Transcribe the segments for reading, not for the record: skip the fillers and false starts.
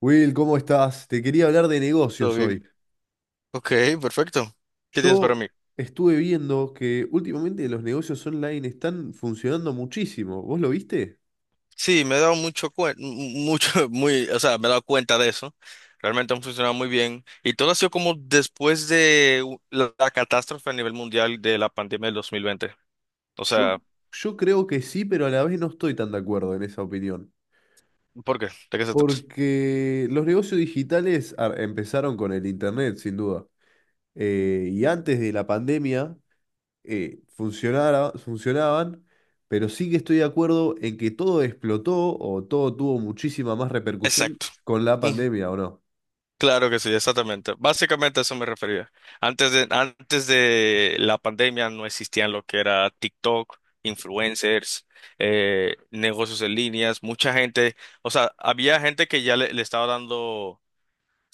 Will, ¿cómo estás? Te quería hablar de Todo negocios bien. hoy. Ok, perfecto. ¿Qué tienes para Yo mí? estuve viendo que últimamente los negocios online están funcionando muchísimo. ¿Vos lo viste? Sí, me he dado mucho cuen- mu- mucho, o sea, me he dado cuenta de eso. Realmente han funcionado muy bien. Y todo ha sido como después de la catástrofe a nivel mundial de la pandemia del 2020. O Yo, sea, yo creo que sí, pero a la vez no estoy tan de acuerdo en esa opinión. ¿por qué? ¿De qué se trata? Porque los negocios digitales empezaron con el Internet, sin duda. Y antes de la pandemia funcionaban, pero sí que estoy de acuerdo en que todo explotó o todo tuvo muchísima más repercusión Exacto. con la Ujú. pandemia, ¿o no? Claro que sí, exactamente. Básicamente a eso me refería. Antes de la pandemia no existían lo que era TikTok, influencers, negocios en líneas, mucha gente, o sea, había gente que ya le estaba dando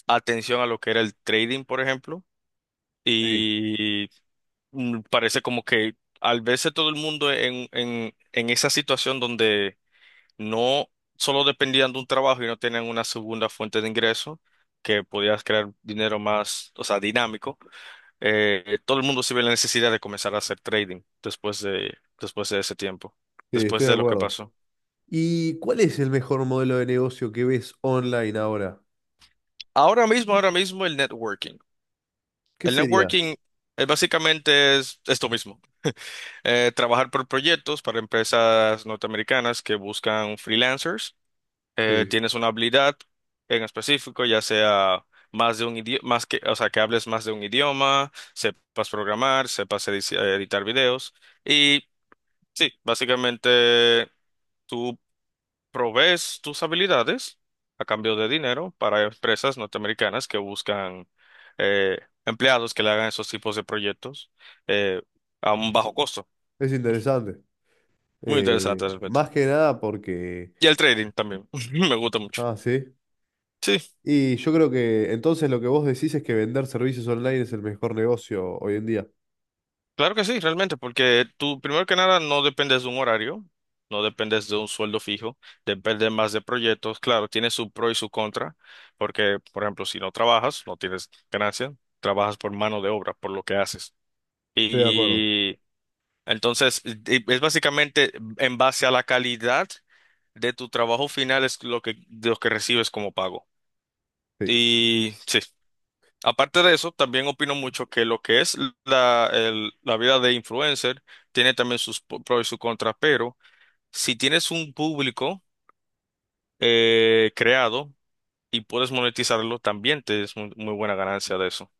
atención a lo que era el trading, por ejemplo, Sí, y parece como que al verse todo el mundo en esa situación donde no solo dependían de un trabajo y no tenían una segunda fuente de ingreso que podías crear dinero más, o sea, dinámico, todo el mundo se ve la necesidad de comenzar a hacer trading después de ese tiempo, sí, después estoy de de lo que acuerdo. pasó. ¿Y cuál es el mejor modelo de negocio que ves online ahora? Ahora mismo el networking. ¿Qué El sería? networking básicamente es esto mismo, trabajar por proyectos para empresas norteamericanas que buscan freelancers Sí, tienes una habilidad en específico, ya sea más de un idioma, más que, o sea, que hables más de un idioma, sepas programar, sepas editar videos. Y sí, básicamente tú provees tus habilidades a cambio de dinero para empresas norteamericanas que buscan eh, empleados que le hagan esos tipos de proyectos eh, a un bajo costo. es interesante. Muy interesante realmente. Más que nada porque... Y el trading también, me gusta mucho. Ah, sí. Sí. Y yo creo que entonces lo que vos decís es que vender servicios online es el mejor negocio hoy en día. Claro que sí, realmente, porque tú, primero que nada, no dependes de un horario, no dependes de un sueldo fijo, depende más de proyectos. Claro, tiene su pro y su contra, porque, por ejemplo, si no trabajas, no tienes ganancia, trabajas por mano de obra, por lo que haces. Estoy de acuerdo. Y entonces, es básicamente en base a la calidad de tu trabajo final es lo que, de lo que recibes como pago. Sí, Y sí. Aparte de eso, también opino mucho que lo que es la vida de influencer tiene también sus pros y sus contras, pero si tienes un público creado y puedes monetizarlo, también te es muy, muy buena ganancia de eso.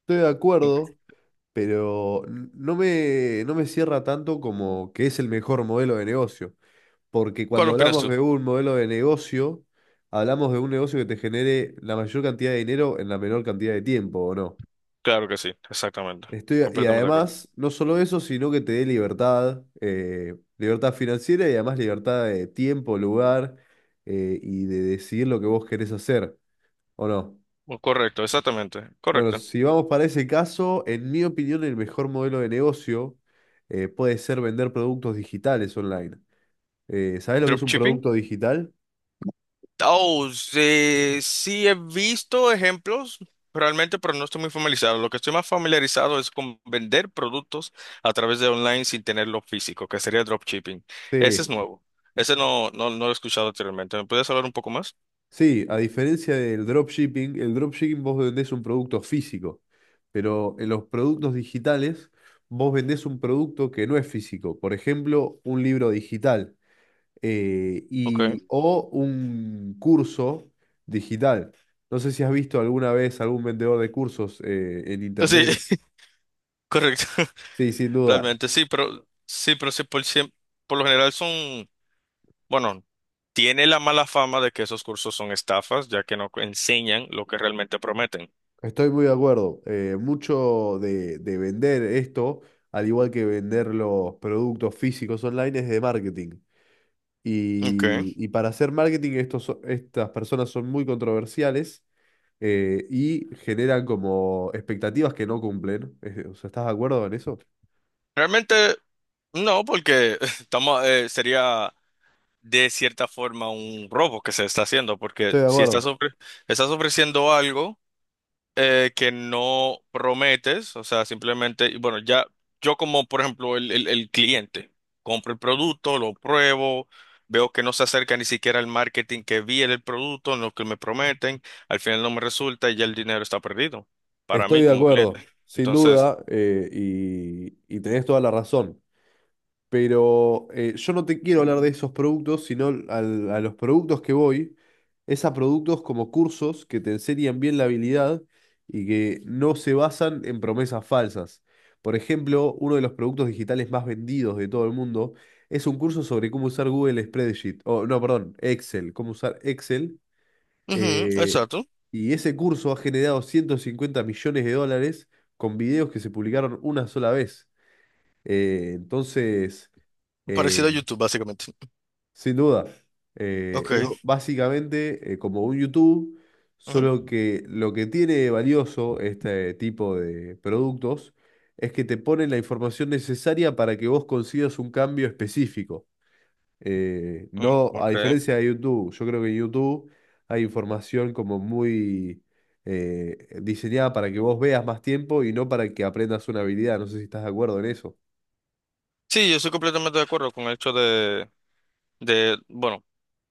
estoy de acuerdo, pero no me cierra tanto como que es el mejor modelo de negocio. Porque ¿Cuál cuando opinas hablamos tú? de un modelo de negocio, hablamos de un negocio que te genere la mayor cantidad de dinero en la menor cantidad de tiempo, ¿o no? Claro que sí, exactamente. Estoy, y Completamente de acuerdo. además, no solo eso, sino que te dé libertad, libertad financiera y además libertad de tiempo, lugar y de decidir lo que vos querés hacer, ¿o no? Correcto, exactamente. Bueno, Correcto. si vamos para ese caso, en mi opinión, el mejor modelo de negocio puede ser vender productos digitales online. ¿Sabés lo que es un Dropshipping. producto digital? Oh, sí, sí he visto ejemplos realmente, pero no estoy muy familiarizado. Lo que estoy más familiarizado es con vender productos a través de online sin tenerlo físico, que sería dropshipping. Ese es Sí. nuevo. Ese no, no, no lo he escuchado anteriormente. ¿Me puedes hablar un poco más? Sí, a diferencia del dropshipping, el dropshipping vos vendés un producto físico, pero en los productos digitales vos vendés un producto que no es físico, por ejemplo, un libro digital Okay. O un curso digital. No sé si has visto alguna vez algún vendedor de cursos en internet. Sí, correcto. Sí, sin duda, Realmente sí, pero sí, pero sí, por, por lo general son, bueno, tiene la mala fama de que esos cursos son estafas, ya que no enseñan lo que realmente prometen. estoy muy de acuerdo. Mucho de vender esto, al igual que vender los productos físicos online, es de marketing. Okay. Y para hacer marketing, estas personas son muy controversiales y generan como expectativas que no cumplen. O sea, ¿estás de acuerdo en eso? Realmente. No, porque estamos, sería de cierta forma un robo que se está haciendo, porque Estoy de si estás, acuerdo. Estás ofreciendo algo que no prometes, o sea, simplemente, y bueno, ya yo como, por ejemplo, el cliente, compro el producto, lo pruebo, veo que no se acerca ni siquiera al marketing que vi en el producto, en lo que me prometen, al final no me resulta y ya el dinero está perdido para Estoy mí de como acuerdo, cliente. sin Entonces, duda, y tenés toda la razón. Pero yo no te quiero hablar de esos productos, sino a los productos que voy, es a productos como cursos que te enseñan bien la habilidad y que no se basan en promesas falsas. Por ejemplo, uno de los productos digitales más vendidos de todo el mundo es un curso sobre cómo usar Google Spreadsheet, o no, perdón, Excel, cómo usar Excel. Ujú, eh, exacto, y ese curso ha generado $150 millones con videos que se publicaron una sola vez. Eh, entonces eh, parecido a YouTube, básicamente. sin duda. Es Ok. básicamente como un YouTube, solo que lo que tiene valioso este tipo de productos es que te ponen la información necesaria para que vos consigas un cambio específico. Mm, No, a Okay. diferencia de YouTube, yo creo que en YouTube hay información como muy diseñada para que vos veas más tiempo y no para que aprendas una habilidad. No sé si estás de acuerdo en eso. Sí, yo soy completamente de acuerdo con el hecho de, bueno,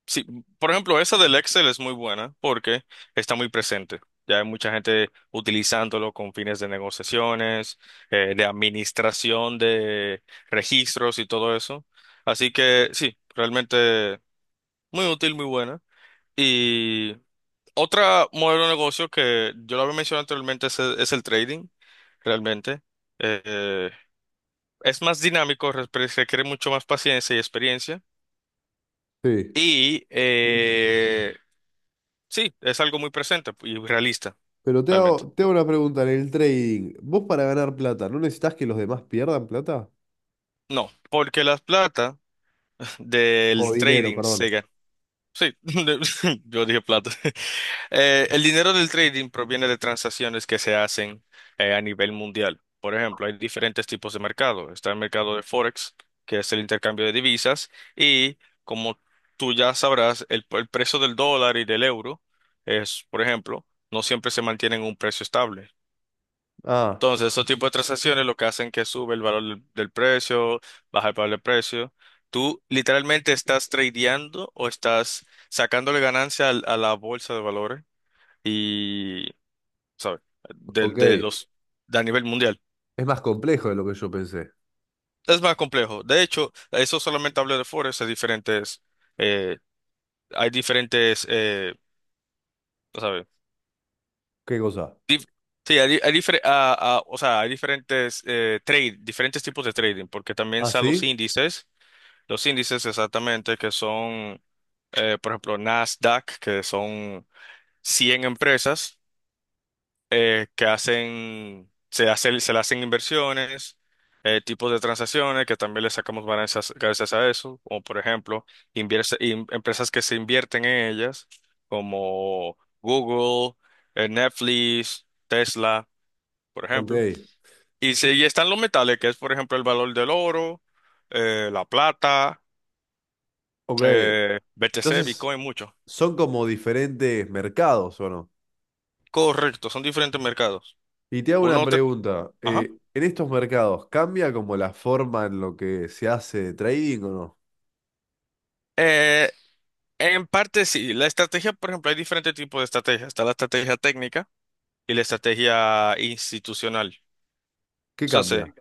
sí, por ejemplo, esa del Excel es muy buena porque está muy presente. Ya hay mucha gente utilizándolo con fines de negociaciones, de administración de registros y todo eso. Así que sí, realmente muy útil, muy buena. Y otra modelo de negocio que yo lo había mencionado anteriormente es el trading, realmente. Eh, es más dinámico, se requiere mucho más paciencia y experiencia. Sí. Y sí, es algo muy presente y realista, Pero realmente. Te hago una pregunta en el trading. ¿Vos para ganar plata, no necesitas que los demás pierdan plata? No, porque la plata O del dinero, sí, trading perdón. se gana. Sí, yo dije plata. El dinero del trading proviene de transacciones que se hacen a nivel mundial. Por ejemplo, hay diferentes tipos de mercado. Está el mercado de Forex, que es el intercambio de divisas, y como tú ya sabrás, el precio del dólar y del euro es, por ejemplo, no siempre se mantienen un precio estable. Ah, Entonces, esos tipos de transacciones lo que hacen que sube el valor del precio, baja el valor del precio. Tú literalmente estás tradeando o estás sacándole ganancia al- a la bolsa de valores y, ¿sabes? De ok. los, de a nivel mundial. Es más complejo de lo que yo pensé. Es más complejo. De hecho, eso solamente hablo de Forex, eh, hay diferentes, ¿sabes? ¿Qué cosa? Dif- sí, hay, hay o sea, hay diferentes diferentes tipos de trading, porque también ¿Ah, están sí? Los índices exactamente que son, por ejemplo, Nasdaq, que son 100 empresas. Que hacen, se hace, se le hacen inversiones, tipos de transacciones que también le sacamos ganancias gracias a eso, como por ejemplo, empresas que se invierten en ellas, como Google, Netflix, Tesla, por Ok, ejemplo. Y, sí, y están los metales, que es por ejemplo el valor del oro, la plata, ok. BTC, Entonces, Bitcoin, mucho. son como diferentes mercados, ¿o no? Correcto, son diferentes mercados. Y te hago una Uno te... pregunta. Ajá. ¿En estos mercados cambia como la forma en lo que se hace trading o no? En parte sí, la estrategia, por ejemplo, hay diferentes tipos de estrategias. Está la estrategia técnica y la estrategia institucional. ¿Qué Entonces, cambia?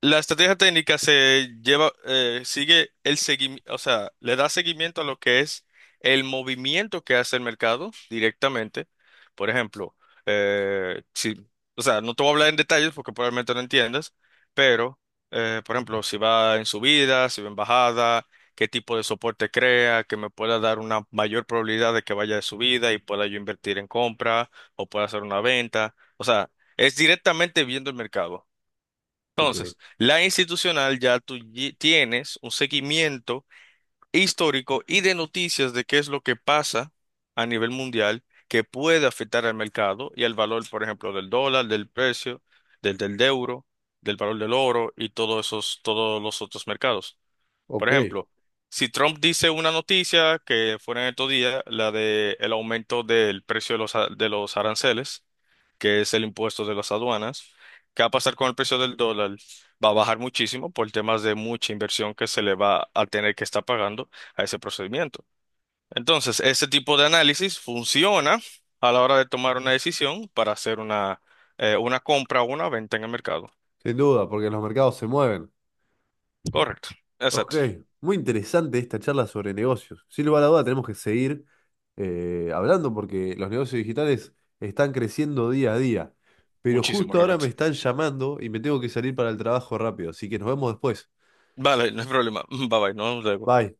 la estrategia técnica se lleva, sigue el seguimiento, o sea, le da seguimiento a lo que es el movimiento que hace el mercado directamente. Por ejemplo, eh, si, o sea, no te voy a hablar en detalles porque probablemente no entiendas, pero, por ejemplo, si va en subida, si va en bajada, qué tipo de soporte crea, que me pueda dar una mayor probabilidad de que vaya de subida y pueda yo invertir en compra o pueda hacer una venta. O sea, es directamente viendo el mercado. Ok, La institucional ya tú tienes un seguimiento histórico y de noticias de qué es lo que pasa a nivel mundial que puede afectar al mercado y al valor, por ejemplo, del dólar, del precio, del euro, del valor del oro y todos esos, todos los otros mercados. Por ok. ejemplo, si Trump dice una noticia que fue en estos días, la de el aumento del precio de los, de los aranceles, que es el impuesto de las aduanas, ¿qué va a pasar con el precio del dólar? Va a bajar muchísimo por temas de mucha inversión que se le va a tener que estar pagando a ese procedimiento. Entonces, este tipo de análisis funciona a la hora de tomar una decisión para hacer una compra o una venta en el mercado. Sin duda, porque los mercados se mueven. Correcto. Ok, Exacto. muy interesante esta charla sobre negocios. Sin lugar a duda tenemos que seguir hablando porque los negocios digitales están creciendo día a día. Pero Muchísimo justo ahora me realmente. están llamando y me tengo que salir para el trabajo rápido, así que nos vemos después. Vale, no hay problema. Bye bye, nos vemos luego. Bye.